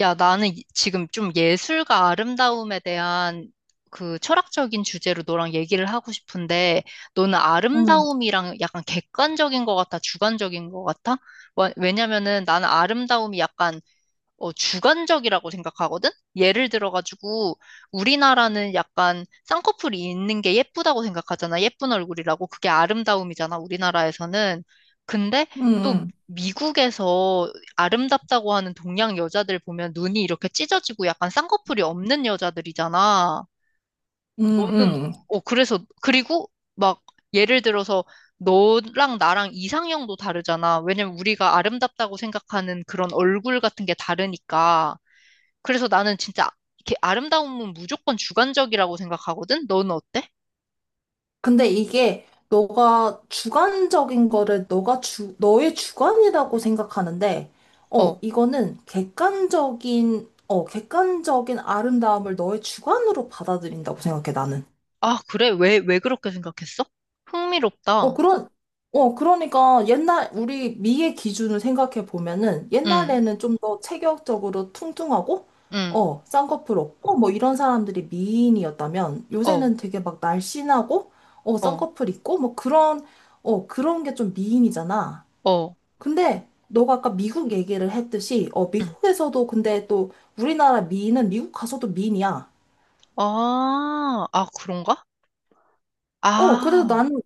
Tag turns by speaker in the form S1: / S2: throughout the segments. S1: 야, 나는 지금 좀 예술과 아름다움에 대한 그 철학적인 주제로 너랑 얘기를 하고 싶은데, 너는
S2: 응,
S1: 아름다움이랑 약간 객관적인 것 같아, 주관적인 것 같아? 왜냐면은 나는 아름다움이 약간 주관적이라고 생각하거든? 예를 들어가지고, 우리나라는 약간 쌍꺼풀이 있는 게 예쁘다고 생각하잖아. 예쁜 얼굴이라고. 그게 아름다움이잖아, 우리나라에서는. 근데 또
S2: 응,
S1: 미국에서 아름답다고 하는 동양 여자들 보면 눈이 이렇게 찢어지고 약간 쌍꺼풀이 없는 여자들이잖아.
S2: 응, 응,
S1: 너는,
S2: 응.
S1: 그래서, 그리고 막 예를 들어서 너랑 나랑 이상형도 다르잖아. 왜냐면 우리가 아름답다고 생각하는 그런 얼굴 같은 게 다르니까. 그래서 나는 진짜 이렇게 아름다움은 무조건 주관적이라고 생각하거든? 너는 어때?
S2: 근데 이게 너가 주관적인 거를 너의 주관이라고 생각하는데, 어,
S1: 어.
S2: 이거는 객관적인 아름다움을 너의 주관으로 받아들인다고 생각해, 나는.
S1: 아, 그래? 왜, 왜 그렇게 생각했어?
S2: 어,
S1: 흥미롭다.
S2: 그런, 그러니까 옛날, 우리 미의 기준을 생각해 보면은
S1: 응,
S2: 옛날에는 좀 더 체격적으로 퉁퉁하고,
S1: 응,
S2: 쌍꺼풀 없고, 뭐 이런 사람들이 미인이었다면
S1: 어,
S2: 요새는 되게 막 날씬하고,
S1: 어,
S2: 쌍꺼풀 있고, 그런 게 좀 미인이잖아.
S1: 어,
S2: 근데 너가 아까 미국 얘기를 했듯이,
S1: 응.
S2: 미국에서도 근데 또 우리나라 미인은 미국 가서도 미인이야.
S1: 아, 아, 그런가?
S2: 그래서
S1: 아,
S2: 나는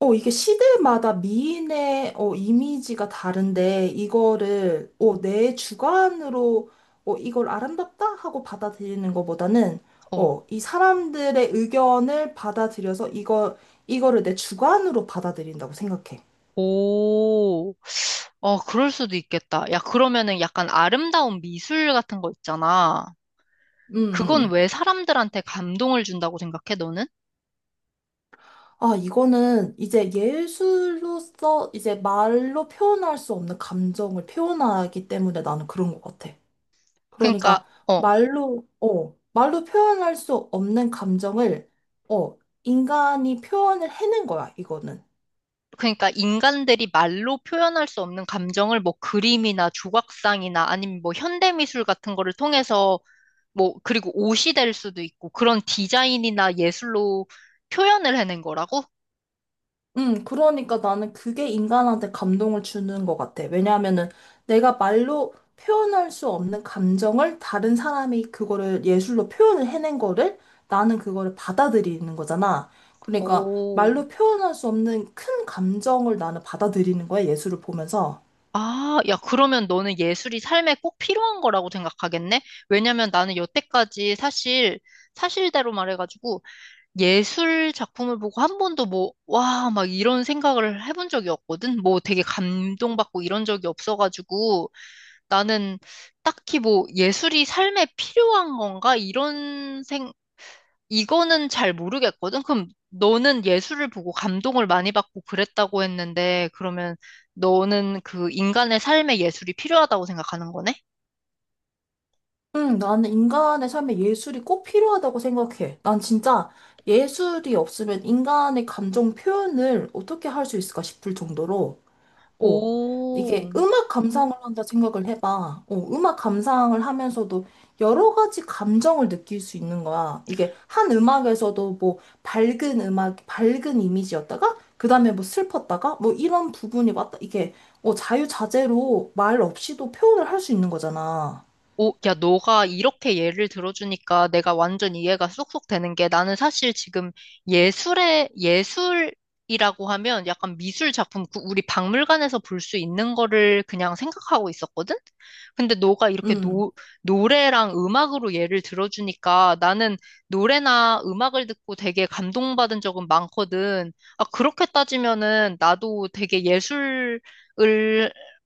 S2: 이게 시대마다 미인의 이미지가 다른데, 이거를 내 주관으로 이걸 아름답다 하고 받아들이는 것보다는
S1: 어,
S2: 이 사람들의 의견을 받아들여서 이거를 내 주관으로 받아들인다고 생각해.
S1: 오. 어, 그럴 수도 있겠다. 야, 그러면은 약간 아름다운 미술 같은 거 있잖아.
S2: 음,
S1: 그건
S2: 음.
S1: 왜 사람들한테 감동을 준다고 생각해, 너는?
S2: 아, 이거는 이제 예술로서 이제 말로 표현할 수 없는 감정을 표현하기 때문에 나는 그런 것 같아.
S1: 그러니까,
S2: 그러니까
S1: 어.
S2: 말로 표현할 수 없는 감정을, 어, 인간이 표현을 해낸 거야, 이거는.
S1: 그러니까 인간들이 말로 표현할 수 없는 감정을 뭐 그림이나 조각상이나 아니면 뭐 현대미술 같은 거를 통해서 뭐 그리고 옷이 될 수도 있고 그런 디자인이나 예술로 표현을 해낸 거라고?
S2: 그러니까 나는 그게 인간한테 감동을 주는 것 같아. 왜냐하면은 내가 말로 표현할 수 없는 감정을 다른 사람이 그거를 예술로 표현을 해낸 거를 나는 그거를 받아들이는 거잖아. 그러니까
S1: 오.
S2: 말로 표현할 수 없는 큰 감정을 나는 받아들이는 거야, 예술을 보면서.
S1: 아, 야, 그러면 너는 예술이 삶에 꼭 필요한 거라고 생각하겠네? 왜냐면 나는 여태까지 사실, 사실대로 말해가지고 예술 작품을 보고 한 번도 뭐, 와, 막 이런 생각을 해본 적이 없거든? 뭐 되게 감동받고 이런 적이 없어가지고 나는 딱히 뭐 예술이 삶에 필요한 건가? 이거는 잘 모르겠거든? 그럼 너는 예술을 보고 감동을 많이 받고 그랬다고 했는데 그러면 너는 그 인간의 삶에 예술이 필요하다고 생각하는 거네?
S2: 응, 나는 인간의 삶에 예술이 꼭 필요하다고 생각해. 난 진짜 예술이 없으면 인간의 감정 표현을 어떻게 할 수 있을까 싶을 정도로, 어, 이게
S1: 오.
S2: 음악 감상을 한다 생각을 해봐. 음악 감상을 하면서도 여러 가지 감정을 느낄 수 있는 거야. 이게 한 음악에서도 뭐 밝은 음악, 밝은 이미지였다가, 그 다음에 뭐 슬펐다가, 뭐 이런 부분이 왔다. 이게 자유자재로 말 없이도 표현을 할 수 있는 거잖아.
S1: 오, 야, 너가 이렇게 예를 들어주니까 내가 완전 이해가 쏙쏙 되는 게 나는 사실 지금 예술의, 예술이라고 하면 약간 미술 작품, 그 우리 박물관에서 볼 수 있는 거를 그냥 생각하고 있었거든? 근데 너가 이렇게
S2: 음.
S1: 노래랑 음악으로 예를 들어주니까 나는 노래나 음악을 듣고 되게 감동받은 적은 많거든. 아, 그렇게 따지면은 나도 되게 예술을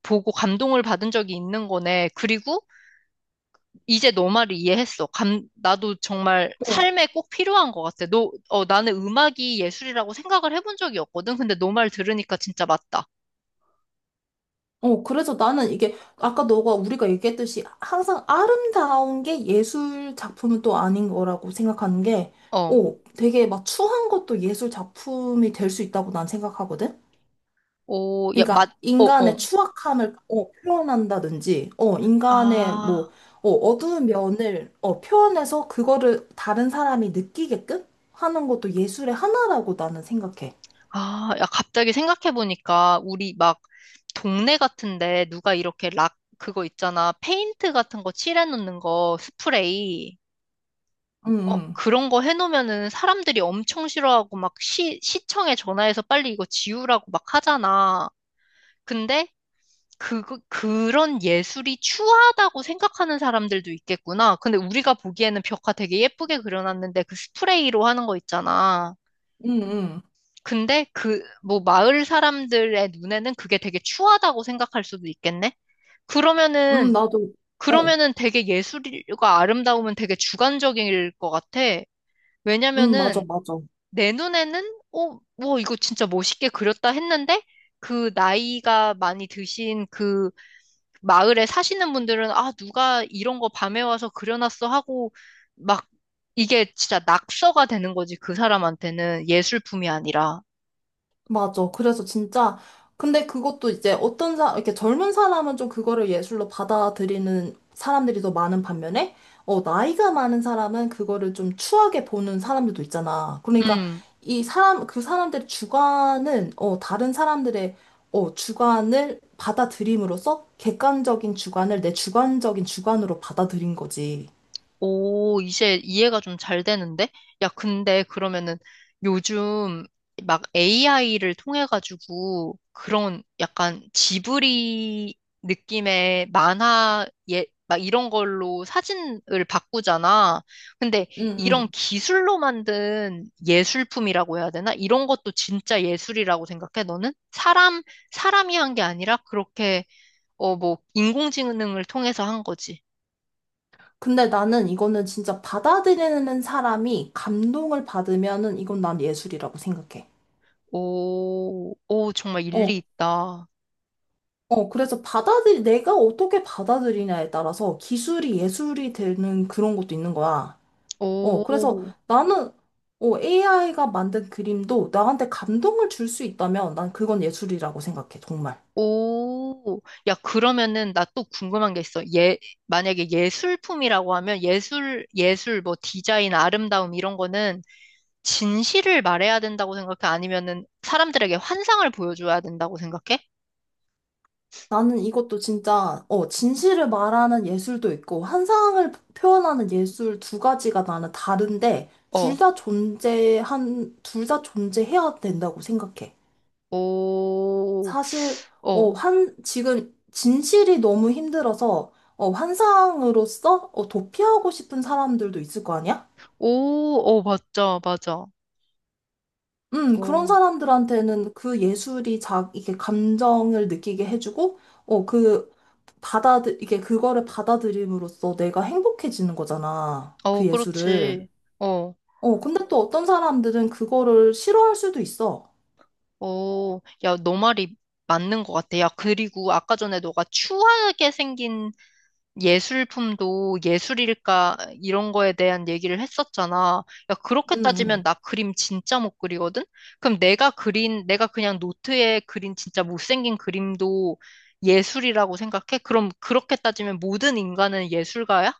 S1: 보고 감동을 받은 적이 있는 거네. 그리고 이제 너 말을 이해했어. 나도 정말 삶에 꼭 필요한 것 같아. 너, 어, 나는 음악이 예술이라고 생각을 해본 적이 없거든. 근데 너 말 들으니까 진짜 맞다.
S2: 그래서 나는 이게 아까 너가 우리가 얘기했듯이 항상 아름다운 게 예술 작품은 또 아닌 거라고 생각하는 게,
S1: 어,
S2: 되게 막 추한 것도 예술 작품이 될 수 있다고 난 생각하거든?
S1: 오, 야,
S2: 그러니까
S1: 어,
S2: 인간의
S1: 어.
S2: 추악함을 어, 표현한다든지, 인간의 뭐,
S1: 아,
S2: 어두운 면을 표현해서 그거를 다른 사람이 느끼게끔 하는 것도 예술의 하나라고 나는 생각해.
S1: 아, 야, 갑자기 생각해보니까 우리 막 동네 같은데 누가 이렇게 락, 그거 있잖아. 페인트 같은 거 칠해놓는 거, 스프레이.
S2: 응,
S1: 어,
S2: 응,
S1: 그런 거 해놓으면은 사람들이 엄청 싫어하고 막 시청에 전화해서 빨리 이거 지우라고 막 하잖아. 근데 그, 그런 예술이 추하다고 생각하는 사람들도 있겠구나. 근데 우리가 보기에는 벽화 되게 예쁘게 그려놨는데 그 스프레이로 하는 거 있잖아.
S2: 응, 응,
S1: 근데 그, 뭐, 마을 사람들의 눈에는 그게 되게 추하다고 생각할 수도 있겠네?
S2: 응.
S1: 그러면은,
S2: 나도, 어,
S1: 그러면은 되게 예술과 아름다움은 되게 주관적일 것 같아.
S2: 응, 맞아,
S1: 왜냐면은
S2: 맞아.
S1: 내 눈에는, 어, 뭐, 이거 진짜 멋있게 그렸다 했는데 그 나이가 많이 드신 그 마을에 사시는 분들은 아, 누가 이런 거 밤에 와서 그려놨어 하고 막 이게 진짜 낙서가 되는 거지. 그 사람한테는 예술품이 아니라.
S2: 맞아. 그래서 진짜, 근데 그것도 이제 이렇게 젊은 사람은 좀 그거를 예술로 받아들이는 사람들이 더 많은 반면에, 나이가 많은 사람은 그거를 좀 추하게 보는 사람들도 있잖아. 그러니까
S1: 음.
S2: 그 사람들의 주관은, 다른 사람들의, 주관을 받아들임으로써 객관적인 주관을 내 주관적인 주관으로 받아들인 거지.
S1: 오, 이제 이해가 좀 잘 되는데? 야, 근데 그러면은 요즘 막 AI를 통해가지고 그런 약간 지브리 느낌의 만화, 예, 막 이런 걸로 사진을 바꾸잖아. 근데
S2: 응,
S1: 이런
S2: 응.
S1: 기술로 만든 예술품이라고 해야 되나? 이런 것도 진짜 예술이라고 생각해, 너는? 사람, 사람이 한 게 아니라 그렇게, 어, 뭐, 인공지능을 통해서 한 거지.
S2: 근데 나는 이거는 진짜 받아들이는 사람이 감동을 받으면은 이건 난 예술이라고 생각해.
S1: 오, 오, 정말
S2: 어,
S1: 일리 있다.
S2: 그래서 내가 어떻게 받아들이냐에 따라서 기술이 예술이 되는 그런 것도 있는 거야. 그래서
S1: 오,
S2: 나는 AI가 만든 그림도 나한테 감동을 줄 수 있다면 난 그건 예술이라고 생각해, 정말.
S1: 오. 야, 그러면은 나 또 궁금한 게 있어. 예, 만약에 예술품이라고 하면 예술, 예술, 뭐 디자인, 아름다움 이런 거는 진실을 말해야 된다고 생각해? 아니면은 사람들에게 환상을 보여줘야 된다고 생각해?
S2: 나는 이것도 진짜, 진실을 말하는 예술도 있고, 환상을 표현하는 예술 두 가지가 나는 다른데,
S1: 어,
S2: 둘 다 존재해야 된다고 생각해.
S1: 오,
S2: 사실,
S1: 어,
S2: 지금 진실이 너무 힘들어서, 환상으로서, 도피하고 싶은 사람들도 있을 거 아니야?
S1: 오, 어, 맞아, 맞아.
S2: 그런
S1: 오,
S2: 사람들한테는 그 예술이 이게 감정을 느끼게 해주고, 어, 그, 이게 그거를 받아들임으로써 내가 행복해지는 거잖아.
S1: 어,
S2: 그 예술을.
S1: 그렇지. 어,
S2: 근데 또 어떤 사람들은 그거를 싫어할 수도 있어.
S1: 오, 야, 너 말이 맞는 것 같아. 야, 그리고 아까 전에 너가 추하게 생긴 예술품도 예술일까 이런 거에 대한 얘기를 했었잖아. 야, 그렇게
S2: 음,
S1: 따지면
S2: 음.
S1: 나 그림 진짜 못 그리거든? 그럼 내가 그린, 내가 그냥 노트에 그린 진짜 못생긴 그림도 예술이라고 생각해? 그럼 그렇게 따지면 모든 인간은 예술가야?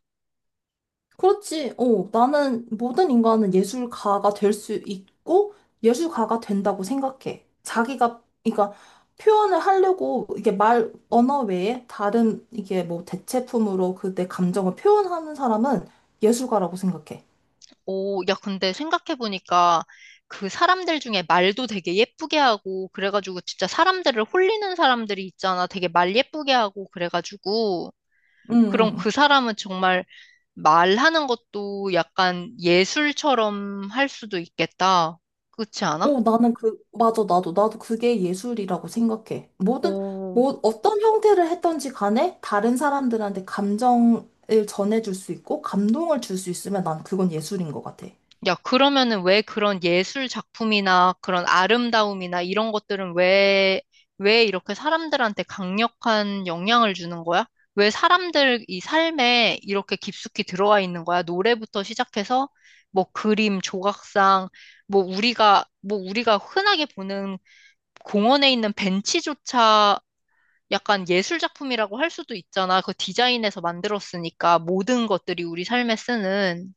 S2: 그렇지. 나는 모든 인간은 예술가가 될 수 있고 예술가가 된다고 생각해. 자기가 그러니까 표현을 하려고 이게 말 언어 외에 다른 이게 뭐 대체품으로 그 내 감정을 표현하는 사람은 예술가라고 생각해.
S1: 오, 야, 근데 생각해보니까 그 사람들 중에 말도 되게 예쁘게 하고, 그래가지고 진짜 사람들을 홀리는 사람들이 있잖아. 되게 말 예쁘게 하고, 그래가지고.
S2: 응,
S1: 그럼 그
S2: 응.
S1: 사람은 정말 말하는 것도 약간 예술처럼 할 수도 있겠다. 그렇지 않아?
S2: 나는 그 맞아. 나도 그게 예술이라고 생각해. 모든
S1: 오,
S2: 뭐 어떤 형태를 했던지 간에 다른 사람들한테 감정을 전해줄 수 있고 감동을 줄 수 있으면 난 그건 예술인 것 같아.
S1: 야, 그러면은 왜 그런 예술 작품이나 그런 아름다움이나 이런 것들은 왜, 왜 이렇게 사람들한테 강력한 영향을 주는 거야? 왜 사람들 이 삶에 이렇게 깊숙이 들어와 있는 거야? 노래부터 시작해서 뭐 그림, 조각상, 뭐 우리가, 뭐 우리가 흔하게 보는 공원에 있는 벤치조차 약간 예술 작품이라고 할 수도 있잖아. 그 디자인에서 만들었으니까 모든 것들이 우리 삶에 쓰는,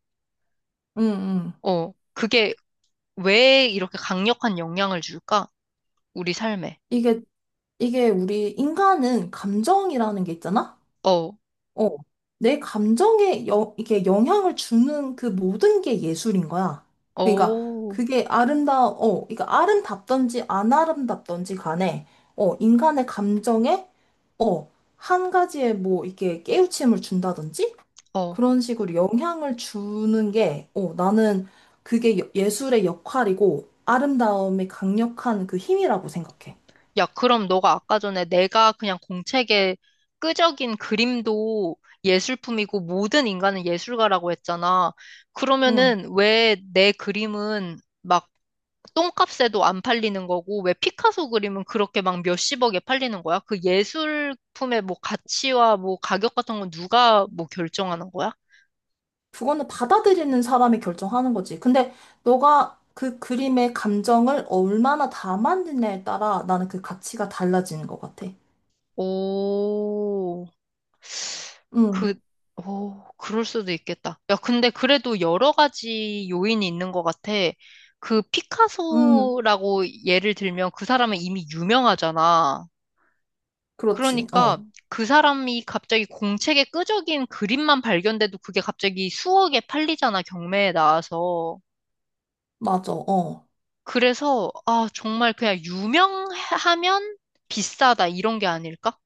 S2: 응, 응.
S1: 그게 왜 이렇게 강력한 영향을 줄까? 우리 삶에.
S2: 이게, 이게 우리 인간은 감정이라는 게 있잖아?
S1: 어,
S2: 어. 내 감정에 이게 영향을 주는 그 모든 게 예술인 거야. 그러니까
S1: 오,
S2: 그러니까 아름답던지 안 아름답던지 간에, 인간의 감정에, 어, 한 가지에 뭐 이렇게 깨우침을 준다든지?
S1: 어.
S2: 그런 식으로 영향을 주는 게, 나는 그게 예술의 역할이고 아름다움의 강력한 그 힘이라고 생각해.
S1: 야, 그럼 너가 아까 전에 내가 그냥 공책에 끄적인 그림도 예술품이고 모든 인간은 예술가라고 했잖아.
S2: 응.
S1: 그러면은 왜 내 그림은 막 똥값에도 안 팔리는 거고 왜 피카소 그림은 그렇게 막 몇십억에 팔리는 거야? 그 예술품의 뭐 가치와 뭐 가격 같은 건 누가 뭐 결정하는 거야?
S2: 그거는 받아들이는 사람이 결정하는 거지. 근데 너가 그 그림의 감정을 얼마나 담았느냐에 따라 나는 그 가치가 달라지는 것 같아.
S1: 오, 그,
S2: 응,
S1: 오, 그럴 수도 있겠다. 야, 근데 그래도 여러 가지 요인이 있는 것 같아. 그
S2: 응,
S1: 피카소라고 예를 들면 그 사람은 이미 유명하잖아.
S2: 그렇지.
S1: 그러니까
S2: 어,
S1: 그 사람이 갑자기 공책에 끄적인 그림만 발견돼도 그게 갑자기 수억에 팔리잖아, 경매에 나와서.
S2: 맞아. 어.
S1: 그래서, 아, 정말 그냥 유명하면 비싸다, 이런 게 아닐까?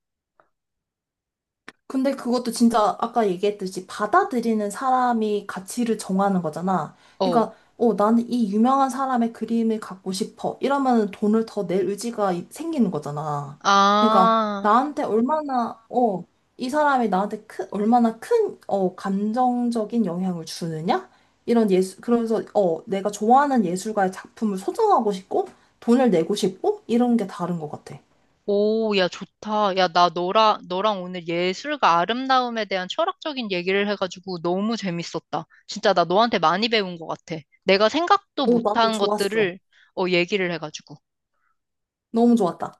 S2: 근데 그것도 진짜 아까 얘기했듯이 받아들이는 사람이 가치를 정하는 거잖아.
S1: 어.
S2: 그러니까, 나는 이 유명한 사람의 그림을 갖고 싶어. 이러면 돈을 더 낼 의지가 생기는 거잖아. 그러니까,
S1: 아.
S2: 나한테 얼마나, 이 사람이 얼마나 큰, 감정적인 영향을 주느냐? 그래서, 내가 좋아하는 예술가의 작품을 소장하고 싶고, 돈을 내고 싶고, 이런 게 다른 것 같아.
S1: 오, 야, 좋다. 야, 나 너랑, 너랑 오늘 예술과 아름다움에 대한 철학적인 얘기를 해가지고 너무 재밌었다. 진짜 나 너한테 많이 배운 것 같아. 내가 생각도
S2: 나도
S1: 못한
S2: 좋았어.
S1: 것들을, 어, 얘기를 해가지고.
S2: 너무 좋았다.